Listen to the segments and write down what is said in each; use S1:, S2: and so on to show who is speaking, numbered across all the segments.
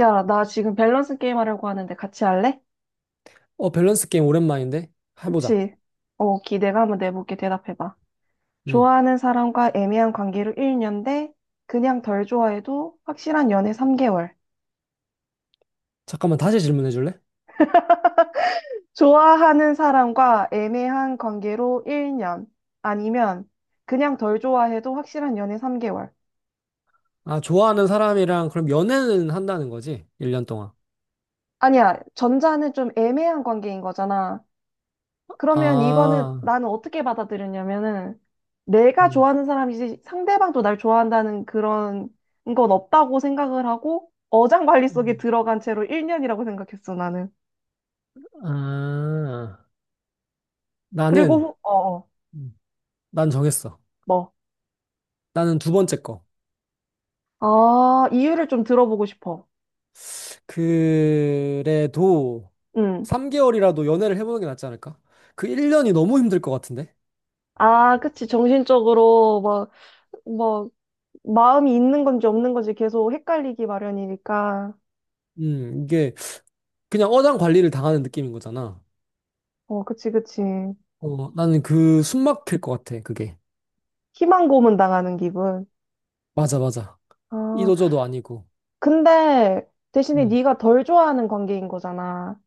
S1: 야, 나 지금 밸런스 게임 하려고 하는데 같이 할래?
S2: 밸런스 게임 오랜만인데? 해보자.
S1: 그치? 어, 기대가 한번 내볼게. 대답해봐.
S2: 음.
S1: 좋아하는 사람과 애매한 관계로 1년 대 그냥 덜 좋아해도 확실한 연애 3개월.
S2: 잠깐만, 다시 질문해 줄래?
S1: 좋아하는 사람과 애매한 관계로 1년. 아니면 그냥 덜 좋아해도 확실한 연애 3개월.
S2: 좋아하는 사람이랑 그럼 연애는 한다는 거지? 1년 동안.
S1: 아니야, 전자는 좀 애매한 관계인 거잖아. 그러면 이거는
S2: 아,
S1: 나는 어떻게 받아들였냐면은 내가
S2: 음,
S1: 좋아하는 사람이지 상대방도 날 좋아한다는 그런 건 없다고 생각을 하고 어장관리 속에
S2: 음.
S1: 들어간 채로 1년이라고 생각했어, 나는.
S2: 아,
S1: 그리고,
S2: 나는,
S1: 후- 어, 어,
S2: 음, 난 정했어.
S1: 뭐.
S2: 나는 두 번째 거.
S1: 아, 이유를 좀 들어보고 싶어.
S2: 그래도
S1: 응.
S2: 3개월이라도 연애를 해보는 게 낫지 않을까? 그 1년이 너무 힘들 것 같은데?
S1: 아, 그치. 정신적으로 막, 뭐, 마음이 있는 건지 없는 건지 계속 헷갈리기 마련이니까.
S2: 이게 그냥 어장 관리를 당하는 느낌인 거잖아.
S1: 어, 그치, 그치.
S2: 나는 그 숨 막힐 것 같아, 그게.
S1: 희망 고문 당하는 기분.
S2: 맞아, 맞아.
S1: 아,
S2: 이도저도 아니고.
S1: 근데 대신에
S2: 음,
S1: 네가 덜 좋아하는 관계인 거잖아.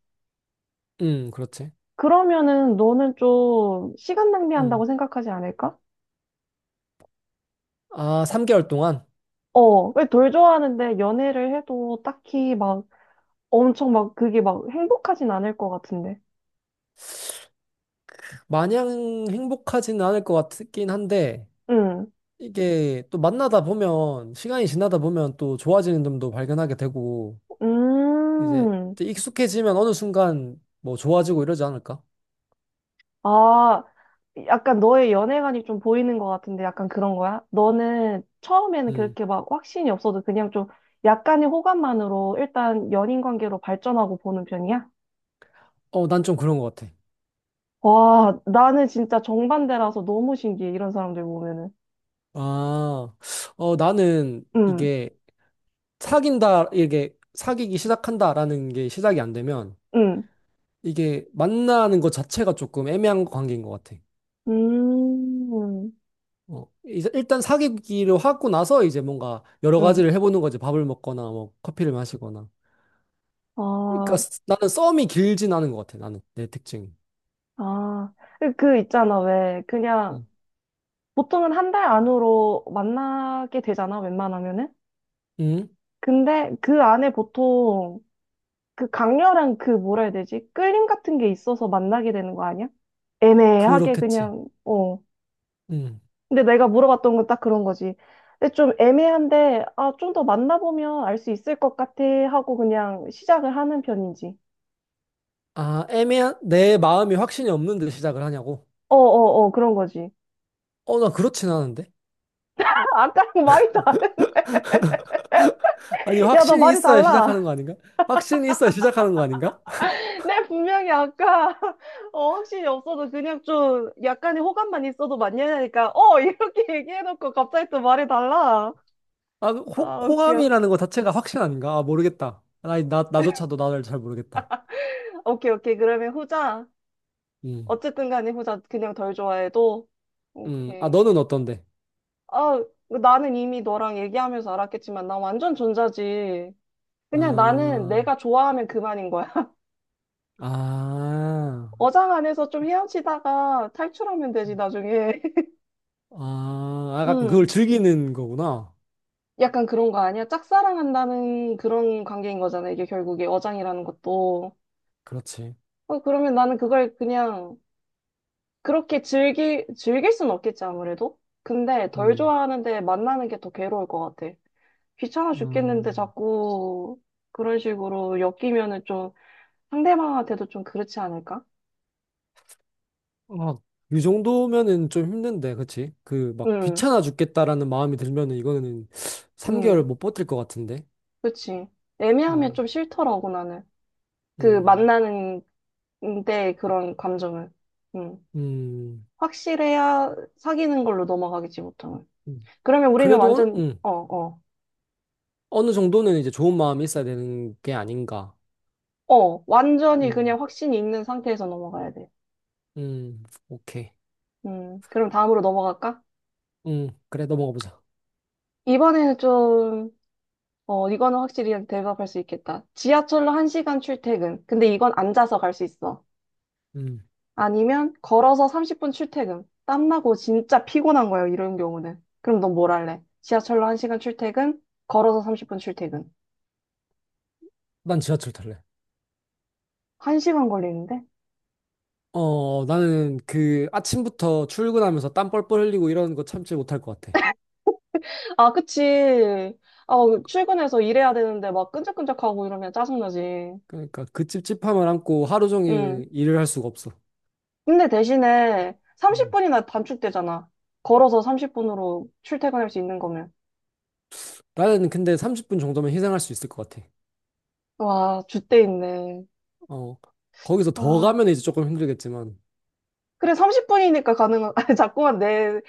S2: 그렇지.
S1: 그러면은 너는 좀 시간
S2: 음.
S1: 낭비한다고 생각하지 않을까?
S2: 3개월 동안?
S1: 어, 왜 덜 좋아하는데 연애를 해도 딱히 막 엄청 막 그게 막 행복하진 않을 것 같은데.
S2: 마냥 행복하지는 않을 것 같긴 한데,
S1: 응.
S2: 이게 또 만나다 보면, 시간이 지나다 보면 또 좋아지는 점도 발견하게 되고,
S1: 음.
S2: 이제 익숙해지면 어느 순간 뭐 좋아지고 이러지 않을까?
S1: 아, 약간 너의 연애관이 좀 보이는 것 같은데 약간 그런 거야? 너는 처음에는
S2: 음.
S1: 그렇게 막 확신이 없어도 그냥 좀 약간의 호감만으로 일단 연인 관계로 발전하고 보는 편이야?
S2: 난 좀 그런 것 같아.
S1: 와, 나는 진짜 정반대라서 너무 신기해, 이런 사람들 보면은.
S2: 아, 나는
S1: 응,
S2: 이게 사귄다, 이게 사귀기 시작한다라는 게 시작이 안 되면,
S1: 응,
S2: 이게 만나는 것 자체가 조금 애매한 관계인 것 같아.
S1: 음,
S2: 이제 일단 사귀기로 하고 나서 이제 뭔가 여러
S1: 응.
S2: 가지를 해보는 거지. 밥을 먹거나 뭐 커피를 마시거나.
S1: 아,
S2: 나는 썸이 길진 않은 것 같아. 나는 내 특징이.
S1: 아. 그 있잖아, 왜. 그냥,
S2: 음.
S1: 보통은 한 달 안으로 만나게 되잖아, 웬만하면은.
S2: 음,
S1: 근데 그 안에 보통 그 강렬한 그 뭐라 해야 되지? 끌림 같은 게 있어서 만나게 되는 거 아니야? 애매하게
S2: 그렇겠지.
S1: 그냥, 어.
S2: 음.
S1: 근데 내가 물어봤던 건 딱 그런 거지. 근데 좀 애매한데, 아, 좀 더 만나보면 알 수 있을 것 같아 하고 그냥 시작을 하는 편인지.
S2: 아, 애매한 내 마음이 확신이 없는데 시작을 하냐고?
S1: 어어어, 그런 거지.
S2: 나 그렇진 않은데.
S1: 아까랑 말이 다,
S2: 아니,
S1: 야, 너
S2: 확신이
S1: 말이
S2: 있어야
S1: 달라.
S2: 시작하는 거 아닌가? 확신이 있어야 시작하는 거 아닌가?
S1: 내 분명히 아까, 어, 확신이 없어도 그냥 좀 약간의 호감만 있어도 만나니까, 이렇게 얘기해놓고 갑자기 또 말이 달라. 아, 웃겨.
S2: 호감이라는 거 자체가 확신 아닌가? 아, 모르겠다. 나조차도 나를 잘 모르겠다.
S1: 오케이, 오케이. 그러면 후자.
S2: 음.
S1: 어쨌든 간에 후자 그냥 덜 좋아해도.
S2: 음. 아,
S1: 오케이.
S2: 너는 어떤데?
S1: 아, 나는 이미 너랑 얘기하면서 알았겠지만, 나 완전 전자지. 그냥 나는
S2: 아.
S1: 내가 좋아하면 그만인 거야.
S2: 아,
S1: 어장 안에서 좀 헤엄치다가 탈출하면 되지, 나중에.
S2: 아, 약간
S1: 음,
S2: 그걸 즐기는 거구나.
S1: 약간 그런 거 아니야? 짝사랑한다는 그런 관계인 거잖아, 이게 결국에 어장이라는 것도.
S2: 그렇지.
S1: 어, 그러면 나는 그걸 그냥 그렇게 즐길 순 없겠지, 아무래도? 근데 덜
S2: 음,
S1: 좋아하는데 만나는 게 더 괴로울 것 같아. 귀찮아 죽겠는데
S2: 음,
S1: 자꾸 그런 식으로 엮이면은 좀 상대방한테도 좀 그렇지 않을까?
S2: 아, 이 정도면은 좀 힘든데, 그치? 막
S1: 응,
S2: 귀찮아 죽겠다라는 마음이 들면은 이거는 3개월
S1: 응,
S2: 못 버틸 것 같은데.
S1: 그치. 애매하면
S2: 음,
S1: 좀 싫더라고, 나는. 그
S2: 음,
S1: 만나는 데 그런 감정을. 응.
S2: 음,
S1: 확실해야 사귀는 걸로 넘어가겠지, 보통은.
S2: 음.
S1: 그러면 우리는
S2: 그래도,
S1: 완전,
S2: 어느- 음,
S1: 어, 어,
S2: 어느 정도는 이제 좋은 마음이 있어야 되는 게 아닌가.
S1: 어, 완전히
S2: 음,
S1: 그냥 확신이 있는 상태에서 넘어가야 돼.
S2: 오케이.
S1: 그럼 다음으로 넘어갈까?
S2: 그래, 넘어가 보자.
S1: 이번에는 좀, 이거는 확실히 대답할 수 있겠다. 지하철로 1시간 출퇴근. 근데 이건 앉아서 갈 수 있어.
S2: 음,
S1: 아니면 걸어서 30분 출퇴근. 땀나고 진짜 피곤한 거예요, 이런 경우는. 그럼 넌 뭘 할래? 지하철로 1시간 출퇴근, 걸어서 30분 출퇴근.
S2: 난 지하철 탈래.
S1: 1시간 걸리는데?
S2: 나는 그 아침부터 출근하면서 땀 뻘뻘 흘리고 이런 거 참지 못할 것 같아.
S1: 아, 그치. 아, 출근해서 일해야 되는데 막 끈적끈적하고 이러면 짜증나지.
S2: 그러니까 그 찝찝함을 안고 하루
S1: 응.
S2: 종일 일을 할 수가 없어.
S1: 근데 대신에
S2: 음.
S1: 30분이나 단축되잖아. 걸어서 30분으로 출퇴근할 수 있는 거면.
S2: 나는 근데 30분 정도면 희생할 수 있을 것 같아.
S1: 와, 줏대 있네.
S2: 어, 거기서 더
S1: 아,
S2: 가면 이제 조금 힘들겠지만.
S1: 그래, 30분이니까 가능한, 아, 자꾸만 내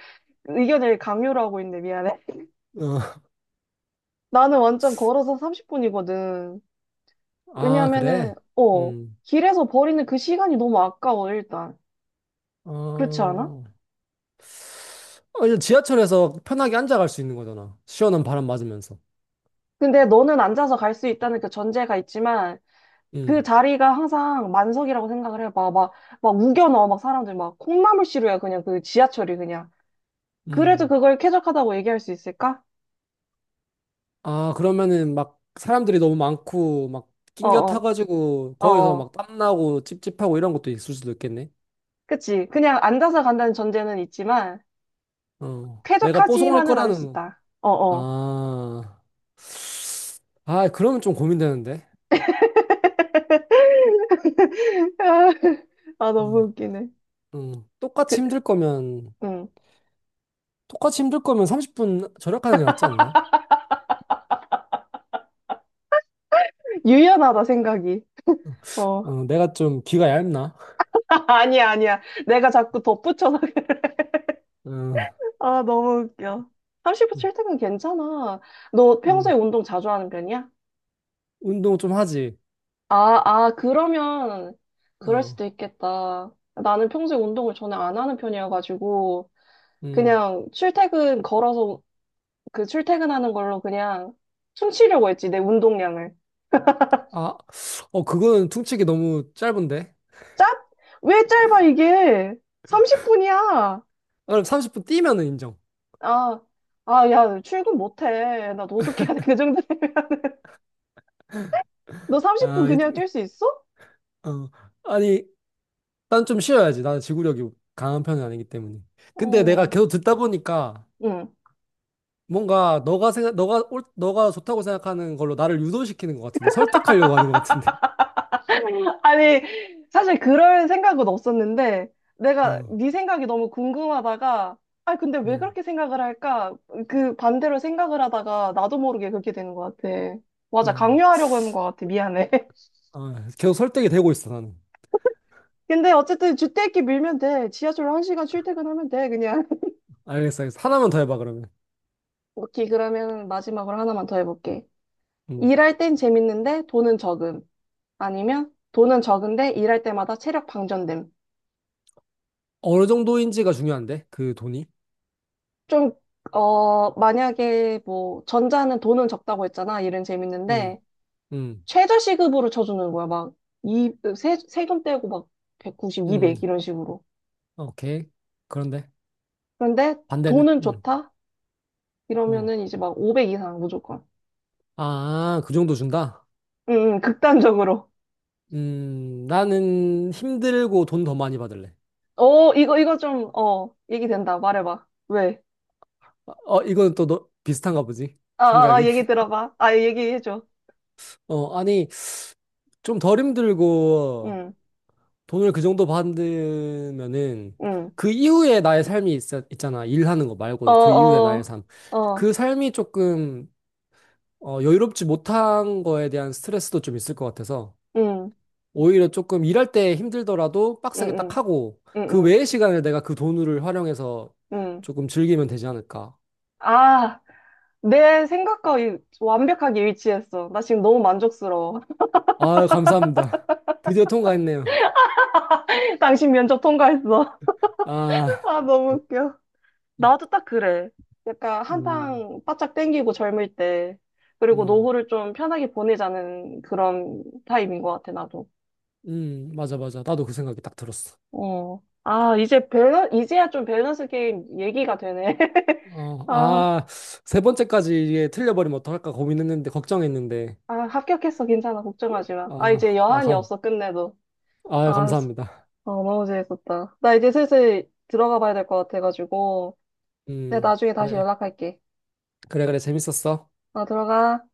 S1: 의견을 강요를 하고 있네. 미안해.
S2: 어,
S1: 나는 완전 걸어서 30분이거든.
S2: 아,
S1: 왜냐면은,
S2: 그래? 음.
S1: 길에서 버리는 그 시간이 너무 아까워, 일단. 그렇지 않아?
S2: 어, 이제 지하철에서 편하게 앉아갈 수 있는 거잖아. 시원한 바람 맞으면서.
S1: 근데 너는 앉아서 갈 수 있다는 그 전제가 있지만, 그
S2: 음,
S1: 자리가 항상 만석이라고 생각을 해봐. 막, 막 우겨넣어, 막 사람들 막 콩나물 시루야, 그냥 그 지하철이 그냥. 그래도
S2: 음.
S1: 그걸 쾌적하다고 얘기할 수 있을까?
S2: 아, 그러면은 막 사람들이 너무 많고 막 낑겨
S1: 어어,
S2: 타가지고 거기서
S1: 어어.
S2: 막 땀나고 찝찝하고 이런 것도 있을 수도 있겠네.
S1: 그치. 그냥 앉아서 간다는 전제는 있지만,
S2: 어. 내가 뽀송할
S1: 쾌적하지만은 않을 수
S2: 거라는
S1: 있다. 어어.
S2: 아. 아, 그러면 좀 고민되는데.
S1: 아, 너무
S2: 음.
S1: 웃기네.
S2: 음.
S1: 그, 음.
S2: 똑같이 힘들 거면 30분 절약하는 게 낫지 않나?
S1: 유연하다 생각이. 어.
S2: 어, 내가 좀 귀가 얇나?
S1: 아니야, 아니야. 내가 자꾸 덧붙여서.
S2: 어,
S1: 아, 너무 웃겨. 30분 출퇴근 괜찮아. 너 평소에
S2: 어,
S1: 운동 자주 하는 편이야?
S2: 운동 좀 하지.
S1: 아, 아, 그러면 그럴 수도
S2: 어,
S1: 있겠다. 나는 평소에 운동을 전혀 안 하는 편이어가지고
S2: 음.
S1: 그냥 출퇴근 걸어서 그 출퇴근하는 걸로 그냥 퉁치려고 했지, 내 운동량을.
S2: 아, 어, 그거는 퉁치기 너무 짧은데?
S1: 짭? 왜 짧아, 이게? 30분이야.
S2: 아, 그럼 30분 뛰면은 인정.
S1: 아, 아, 야, 출근 못해. 나 노숙해야 돼. 그 정도 되면. 너 30분
S2: 아,
S1: 그냥 뛸 수 있어?
S2: 어, 아니, 난 좀 쉬어야지. 나는 지구력이 강한 편은 아니기 때문에. 근데 내가
S1: 어,
S2: 계속 듣다 보니까
S1: 응.
S2: 뭔가 너가 생각, 너가 옳- 너가 좋다고 생각하는 걸로 나를 유도시키는 것 같은데, 설득하려고 하는 것 같은데.
S1: 아니, 사실 그럴 생각은 없었는데,
S2: 어,
S1: 내가 네 생각이 너무 궁금하다가, 아, 근데 왜
S2: 음,
S1: 그렇게 생각을 할까? 그 반대로 생각을 하다가 나도 모르게 그렇게 되는 것 같아. 맞아,
S2: 어,
S1: 강요하려고 하는 것 같아. 미안해.
S2: 계속 설득이 되고 있어, 나는.
S1: 근데 어쨌든 주택기 밀면 돼. 지하철로 1시간 출퇴근하면 돼, 그냥.
S2: 알겠어, 알겠어. 하나만 더 해봐, 그러면.
S1: 오케이, 그러면 마지막으로 하나만 더 해볼게.
S2: 음.
S1: 일할 땐 재밌는데 돈은 적음. 아니면 돈은 적은데 일할 때마다 체력 방전됨.
S2: 어느 정도인지가 중요한데, 그 돈이.
S1: 좀, 만약에 뭐, 전자는 돈은 적다고 했잖아. 일은
S2: 음,
S1: 재밌는데,
S2: 음,
S1: 최저시급으로 쳐주는 거야. 막, 세금 떼고 막, 190,
S2: 음,
S1: 200 이런 식으로.
S2: 오케이. 그런데
S1: 그런데
S2: 반대는,
S1: 돈은 좋다?
S2: 음.
S1: 이러면은 이제 막 500 이상 무조건.
S2: 아, 그 정도 준다?
S1: 응, 응, 극단적으로.
S2: 나는 힘들고 돈 더 많이 받을래.
S1: 어, 이거 좀, 얘기 된다. 말해봐. 왜?
S2: 어, 어, 이건 또 너, 비슷한가 보지?
S1: 어, 어, 어,
S2: 생각이.
S1: 얘기 들어봐. 아, 얘기해줘.
S2: 아니, 좀 덜 힘들고
S1: 응,
S2: 돈을 그 정도 받으면은
S1: 응.
S2: 그 이후에 나의 있잖아. 일하는 거
S1: 어,
S2: 말고 그 이후에 나의
S1: 어,
S2: 삶.
S1: 어,
S2: 그 삶이 조금 여유롭지 못한 거에 대한 스트레스도 좀 있을 것 같아서
S1: 응,
S2: 오히려 조금 일할 때 힘들더라도
S1: 응,
S2: 빡세게 딱
S1: 응,
S2: 하고
S1: 응,
S2: 그
S1: 응.
S2: 외의 시간을 내가 그 돈을 활용해서
S1: 응.
S2: 조금 즐기면 되지 않을까.
S1: 아, 내 생각과 완벽하게 일치했어. 나 지금 너무 만족스러워.
S2: 아, 감사합니다. 드디어 통과했네요.
S1: 당신 면접 통과했어.
S2: 아,
S1: 아, 너무 웃겨. 나도 딱 그래. 약간
S2: 음,
S1: 한탕 바짝 땡기고 젊을 때. 그리고
S2: 음,
S1: 노후를 좀 편하게 보내자는 그런 타입인 것 같아, 나도.
S2: 맞아, 맞아. 나도 그 생각이 딱 들었어.
S1: 어. 아, 이제야 좀 밸런스 게임 얘기가 되네.
S2: 어,
S1: 아.
S2: 아, 세 번째까지 이게 틀려버리면 어떡할까 고민했는데, 걱정했는데.
S1: 아, 합격했어. 괜찮아. 걱정하지 마. 아, 이제
S2: 아, 아,
S1: 여한이
S2: 감,
S1: 없어. 끝내도.
S2: 아,
S1: 아, 씨.
S2: 감사합니다.
S1: 어, 너무 재밌었다. 나 이제 슬슬 들어가 봐야 될 것 같아가지고. 내가
S2: 음,
S1: 나중에 다시
S2: 그래,
S1: 연락할게.
S2: 그래, 재밌었어.
S1: 아, 들어가.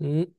S2: 음.